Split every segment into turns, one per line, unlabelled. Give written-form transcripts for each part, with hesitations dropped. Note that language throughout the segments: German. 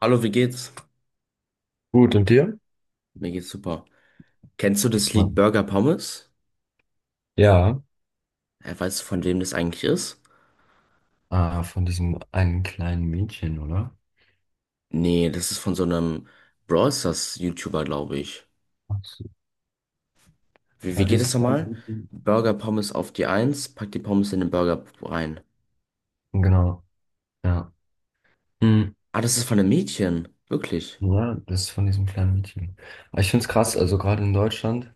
Hallo, wie geht's?
Gut, und dir?
Mir geht's super. Kennst du das Lied
Mann.
Burger Pommes?
Ja,
Weißt du, von wem das eigentlich ist?
von diesem einen kleinen Mädchen, oder?
Nee, das ist von so einem Brawl Stars YouTuber, glaube ich.
Ach so.
Wie,
War
wie geht es
dieses kleine
nochmal?
Mädchen?
Burger Pommes auf die Eins, pack die Pommes in den Burger rein.
Genau, ja. Hm.
Ah, das ist von einem Mädchen. Wirklich.
Ja, das ist von diesem kleinen Mädchen. Aber ich finde es krass, also gerade in Deutschland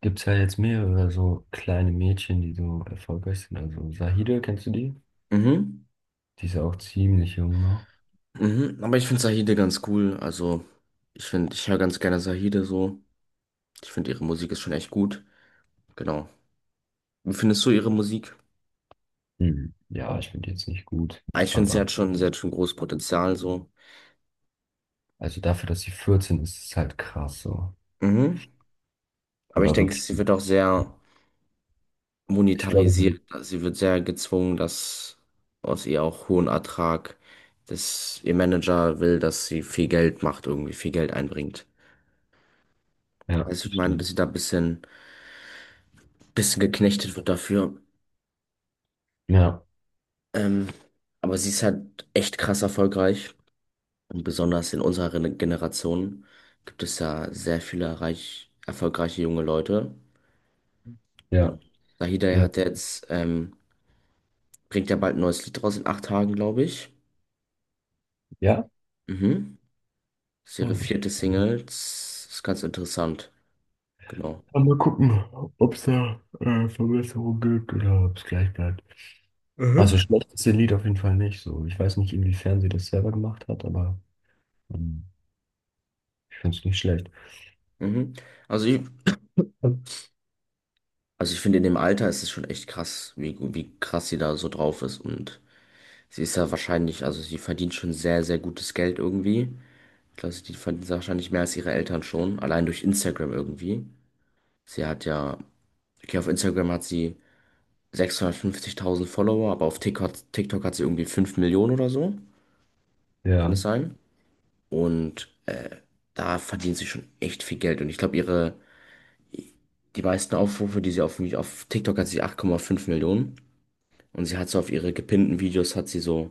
gibt es ja jetzt mehrere so kleine Mädchen, die so erfolgreich sind. Also Sahide, kennst du die?
Mhm.
Die ist ja auch ziemlich jung noch.
Mhm. Aber ich finde Sahide ganz cool. Also, ich finde, ich höre ganz gerne Sahide so. Ich finde, ihre Musik ist schon echt gut. Genau. Wie findest du ihre Musik?
Hm. Ja, ich finde die jetzt nicht gut.
Ah, ich finde, sie
Aber
hat schon, sie hat schon großes Potenzial so.
also dafür, dass sie 14, ist es halt krass so.
Mhm. Aber ich
Aber
denke,
wirklich,
sie wird
gut.
auch sehr
Ich glaube,
monetarisiert. Sie wird sehr gezwungen, dass aus ihr auch hohen Ertrag, dass ihr Manager will, dass sie viel Geld macht, irgendwie viel Geld einbringt.
ja,
Also ich
das
meine, dass
stimmt.
sie da ein bisschen geknechtet wird dafür.
Ja,
Ähm, aber sie ist halt echt krass erfolgreich. Und besonders in unserer Generation gibt es ja sehr viele reich, erfolgreiche junge Leute.
ja.
Und Sahida
Ja.
hat ja jetzt, bringt ja bald ein neues Lied raus in 8 Tagen, glaube ich.
Ja?
Mhm. Das ist ihre
Ah,
vierte Single. Das ist ganz interessant. Genau.
aber mal gucken, ob es da Verbesserungen gibt oder ob es gleich bleibt. Also
Mhm.
schlecht ist ihr Lied auf jeden Fall nicht so. Ich weiß nicht, inwiefern sie das selber gemacht hat, aber ähm, ich finde es nicht schlecht.
Mhm. Also ich, also ich finde, in dem Alter ist es schon echt krass, wie krass sie da so drauf ist. Und sie ist ja wahrscheinlich, also sie verdient schon sehr, sehr gutes Geld irgendwie. Ich glaube, sie verdient wahrscheinlich mehr als ihre Eltern schon, allein durch Instagram irgendwie. Sie hat ja, okay, auf Instagram hat sie 650.000 Follower, aber auf TikTok hat sie irgendwie 5 Millionen oder so. Kann
Ja,
es sein? Und da verdient sie schon echt viel Geld. Und ich glaube, ihre die meisten Aufrufe, die sie auf TikTok hat sie 8,5 Millionen. Und sie hat so auf ihre gepinnten Videos hat sie so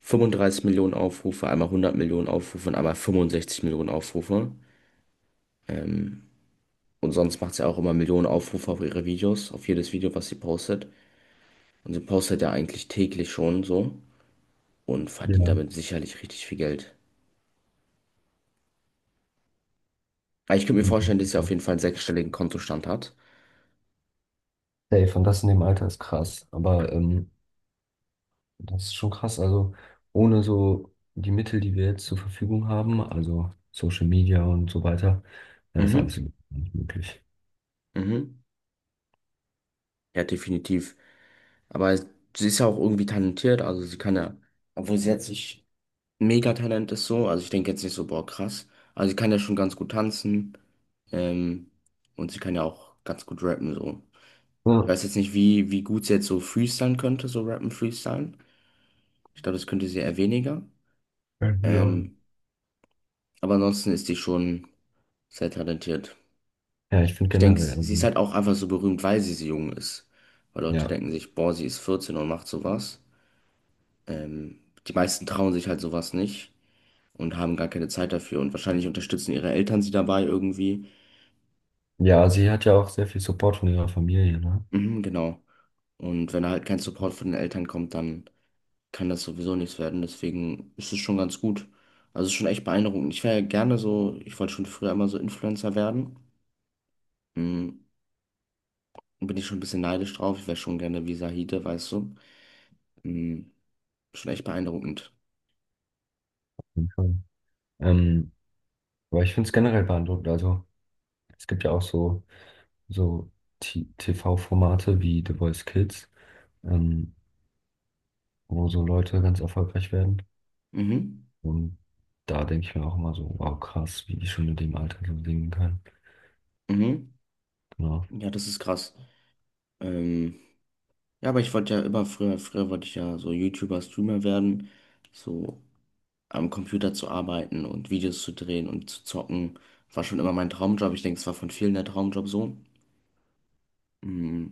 35 Millionen Aufrufe, einmal 100 Millionen Aufrufe und einmal 65 Millionen Aufrufe. Und sonst macht sie auch immer Millionen Aufrufe auf ihre Videos, auf jedes Video, was sie postet. Und sie postet ja eigentlich täglich schon so und verdient
ja.
damit sicherlich richtig viel Geld. Aber ich könnte mir vorstellen, dass
Mhm.
sie auf jeden Fall einen sechsstelligen Kontostand hat.
Safe, und das in dem Alter ist krass. Aber das ist schon krass. Also ohne so die Mittel, die wir jetzt zur Verfügung haben, also Social Media und so weiter, wäre das alles
Mhm,
überhaupt nicht möglich.
mhm. Ja, definitiv. Aber sie ist ja auch irgendwie talentiert, also sie kann ja, obwohl sie jetzt nicht Megatalent ist so. Also ich denke jetzt nicht so, boah, krass. Also sie kann ja schon ganz gut tanzen. Ähm, und sie kann ja auch ganz gut rappen, so. Ich
Ja.
weiß jetzt nicht, wie gut sie jetzt so freestylen könnte, so rappen, freestylen. Ich glaube, das könnte sie eher weniger.
Ja, genau.
Ähm, aber ansonsten ist die schon sehr talentiert.
Ja, ich finde
Ich denke,
generell,
sie ist
also,
halt auch einfach so berühmt, weil sie so jung ist. Weil Leute
ja.
denken sich, boah, sie ist 14 und macht sowas. Ähm, die meisten trauen sich halt sowas nicht. Und haben gar keine Zeit dafür und wahrscheinlich unterstützen ihre Eltern sie dabei irgendwie.
Ja, sie hat ja auch sehr viel Support von ihrer Familie, ne?
Mhm, genau. Und wenn da halt kein Support von den Eltern kommt, dann kann das sowieso nichts werden. Deswegen ist es schon ganz gut. Also es ist schon echt beeindruckend. Ich wäre gerne so, ich wollte schon früher immer so Influencer werden. Mhm. Bin ich schon ein bisschen neidisch drauf. Ich wäre schon gerne wie Sahide, weißt du. Mhm. Schon echt beeindruckend.
Auf jeden Fall. Ähm, aber ich finde es generell beeindruckend. Also, es gibt ja auch so TV-Formate wie The Voice Kids, ähm, wo so Leute ganz erfolgreich werden.
Mhm.
Und da denke ich mir auch immer so, wow, krass, wie die schon in dem Alter so singen können.
Mhm.
Genau.
Ja, das ist krass. Ähm, ja, aber ich wollte ja immer früher wollte ich ja so YouTuber, Streamer werden. So am Computer zu arbeiten und Videos zu drehen und zu zocken, war schon immer mein Traumjob. Ich denke, es war von vielen der Traumjob so. Mm,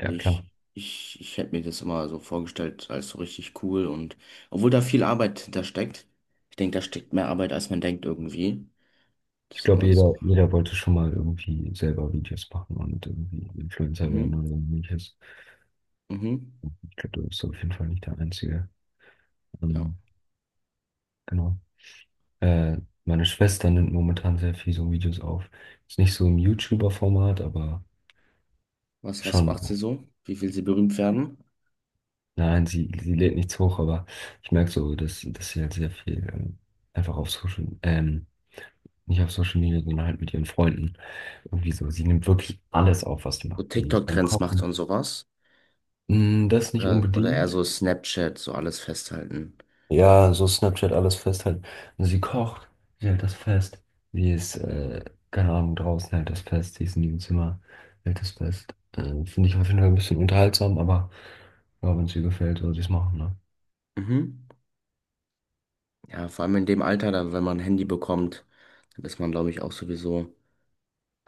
Also
klar.
ich hätte mir das immer so vorgestellt als so richtig cool und obwohl da viel Arbeit hintersteckt, ich denke, da steckt mehr Arbeit, als man denkt irgendwie. Das
Ich
ist
glaube,
immer so.
jeder wollte schon mal irgendwie selber Videos machen und irgendwie Influencer werden
Mhm,
oder ähnliches.
mhm,
Ich glaube, du bist auf jeden Fall nicht der Einzige.
ja.
Ähm, genau. Äh, meine Schwester nimmt momentan sehr viel so Videos auf. Ist nicht so im YouTuber-Format, aber
Was
schon.
macht sie so? Wie will sie berühmt werden?
Nein, sie lädt nichts hoch, aber ich merke so, dass sie halt sehr viel einfach auf Social, nicht auf Social Media, sondern halt mit ihren Freunden. Irgendwie so. Sie nimmt wirklich alles auf, was sie
So
macht. Sie ist beim
TikTok-Trends macht
Kochen.
und sowas?
Mm, das nicht
Oder eher
unbedingt.
so Snapchat, so alles festhalten.
Ja, so Snapchat alles festhalten. Und sie kocht, sie hält das fest. Wie es, keine Ahnung, draußen hält das fest, sie ist in ihrem Zimmer, hält das fest. Finde ich auf jeden Fall ein bisschen unterhaltsam, aber ja, wenn es ihr gefällt, soll sie es machen, ne?
Mhm. Ja, vor allem in dem Alter, dann, wenn man ein Handy bekommt, dann ist man, glaube ich, auch sowieso,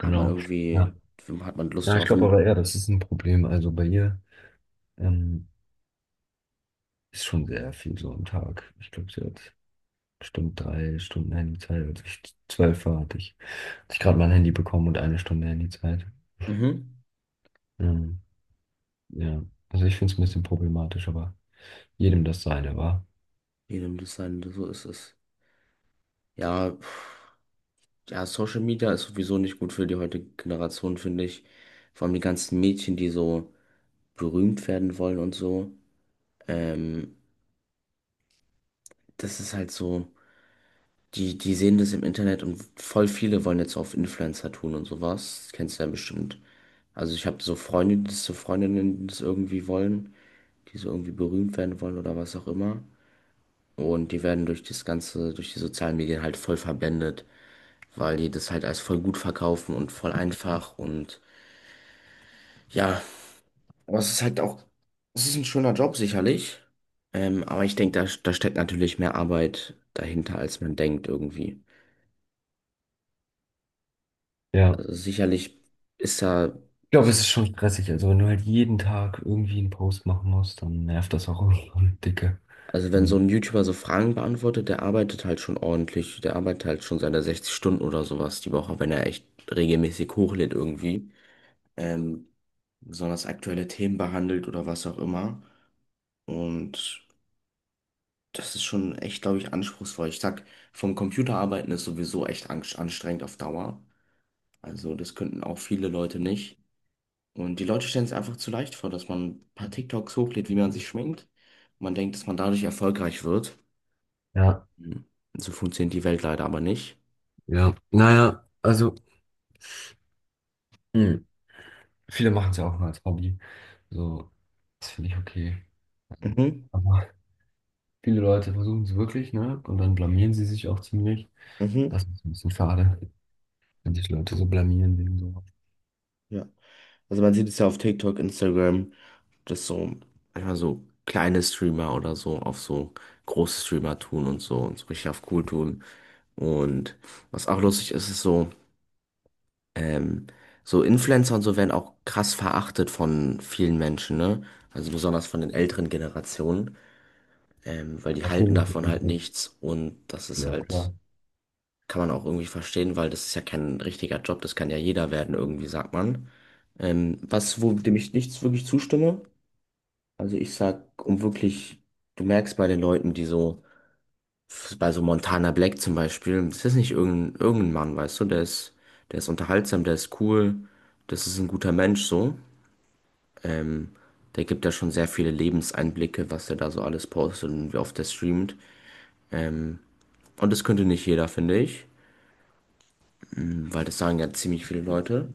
hat man
Ja,
irgendwie, hat man Lust
ja ich
drauf
glaube
und
aber eher, das ist ein Problem. Also bei ihr ähm, ist schon sehr viel so am Tag. Ich glaube, sie hat bestimmt drei Stunden Handyzeit. Als ich zwölf war, hatte ich gerade mein Handy bekommen und eine Stunde Handyzeit.
mhm,
Ähm, Ja, also ich finde es ein bisschen problematisch, aber jedem das seine, wa?
jedem das sein, so ist es. Ja, pf, ja, Social Media ist sowieso nicht gut für die heutige Generation, finde ich. Vor allem die ganzen Mädchen, die so berühmt werden wollen und so. Ähm, das ist halt so, die sehen das im Internet und voll viele wollen jetzt auf Influencer tun und sowas. Das kennst du ja bestimmt. Also ich habe so Freunde, die das so Freundinnen, die das irgendwie wollen. Die so irgendwie berühmt werden wollen oder was auch immer. Und die werden durch das Ganze, durch die sozialen Medien halt voll verblendet, weil die das halt als voll gut verkaufen und voll einfach und ja, aber es ist halt auch, es ist ein schöner Job sicherlich. Aber ich denke, da steckt natürlich mehr Arbeit dahinter, als man denkt irgendwie.
Ja.
Also sicherlich ist da,
Ich glaube,
es
es ist
ist,
schon stressig. Also wenn du halt jeden Tag irgendwie einen Post machen musst, dann nervt das auch irgendwann dicke.
also wenn so
Und
ein YouTuber so Fragen beantwortet, der arbeitet halt schon ordentlich, der arbeitet halt schon seine 60 Stunden oder sowas die Woche, wenn er echt regelmäßig hochlädt irgendwie. ähm, besonders aktuelle Themen behandelt oder was auch immer. Und das ist schon echt, glaube ich, anspruchsvoll. Ich sag, vom Computer arbeiten ist sowieso echt anstrengend auf Dauer. Also das könnten auch viele Leute nicht. Und die Leute stellen es einfach zu leicht vor, dass man ein paar TikToks hochlädt, wie man sich schminkt. Man denkt, dass man dadurch erfolgreich wird.
ja,
Mhm. So funktioniert die Welt leider aber nicht.
ja. Naja, also hm, viele machen es ja auch nur als Hobby. So, das finde ich okay.
Mhm,
Aber viele Leute versuchen es wirklich, ne? Und dann blamieren sie sich auch ziemlich.
mhm,
Das ist ein bisschen schade, wenn sich Leute so blamieren wegen so.
ja. Also man sieht es ja auf TikTok, Instagram, dass so manchmal so kleine Streamer oder so auf so große Streamer tun und so richtig auf cool tun. Und was auch lustig ist, ist so, ähm, so Influencer und so werden auch krass verachtet von vielen Menschen, ne? Also besonders von den älteren Generationen, weil die halten
Natürlich.
davon halt nichts und das ist
Ja,
halt,
klar.
kann man auch irgendwie verstehen, weil das ist ja kein richtiger Job, das kann ja jeder werden irgendwie, sagt man. Wo dem ich nichts wirklich zustimme, also ich sag, um wirklich, du merkst bei den Leuten, die so, bei so Montana Black zum Beispiel, das ist nicht irgendein Mann, weißt du, der ist unterhaltsam, der ist cool, das ist ein guter Mensch so. Ähm, der gibt ja schon sehr viele Lebenseinblicke, was er da so alles postet und wie oft er streamt. Ähm, und das könnte nicht jeder, finde ich, weil das sagen ja ziemlich viele Leute.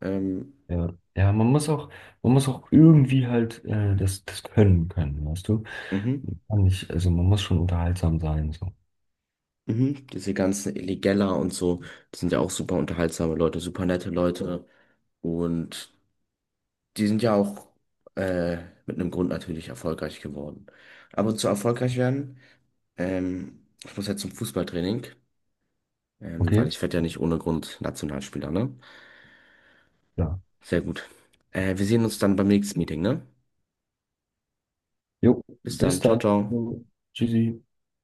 Ähm,
Ja, ja, man muss auch irgendwie halt das können können, weißt du?
mhm.
Man kann nicht, also man muss schon unterhaltsam sein, so.
Mhm. Diese ganzen Illegella und so, das sind ja auch super unterhaltsame Leute, super nette Leute. Und die sind ja auch äh, mit einem Grund natürlich erfolgreich geworden. Aber zu erfolgreich werden. Ich muss jetzt zum Fußballtraining,
Okay?
weil ich werde ja nicht ohne Grund Nationalspieler, ne?
Ja.
Sehr gut. Wir sehen uns dann beim nächsten Meeting, ne?
Jo,
Bis
bis
dann. Ciao,
dann.
ciao.
Tschüssi.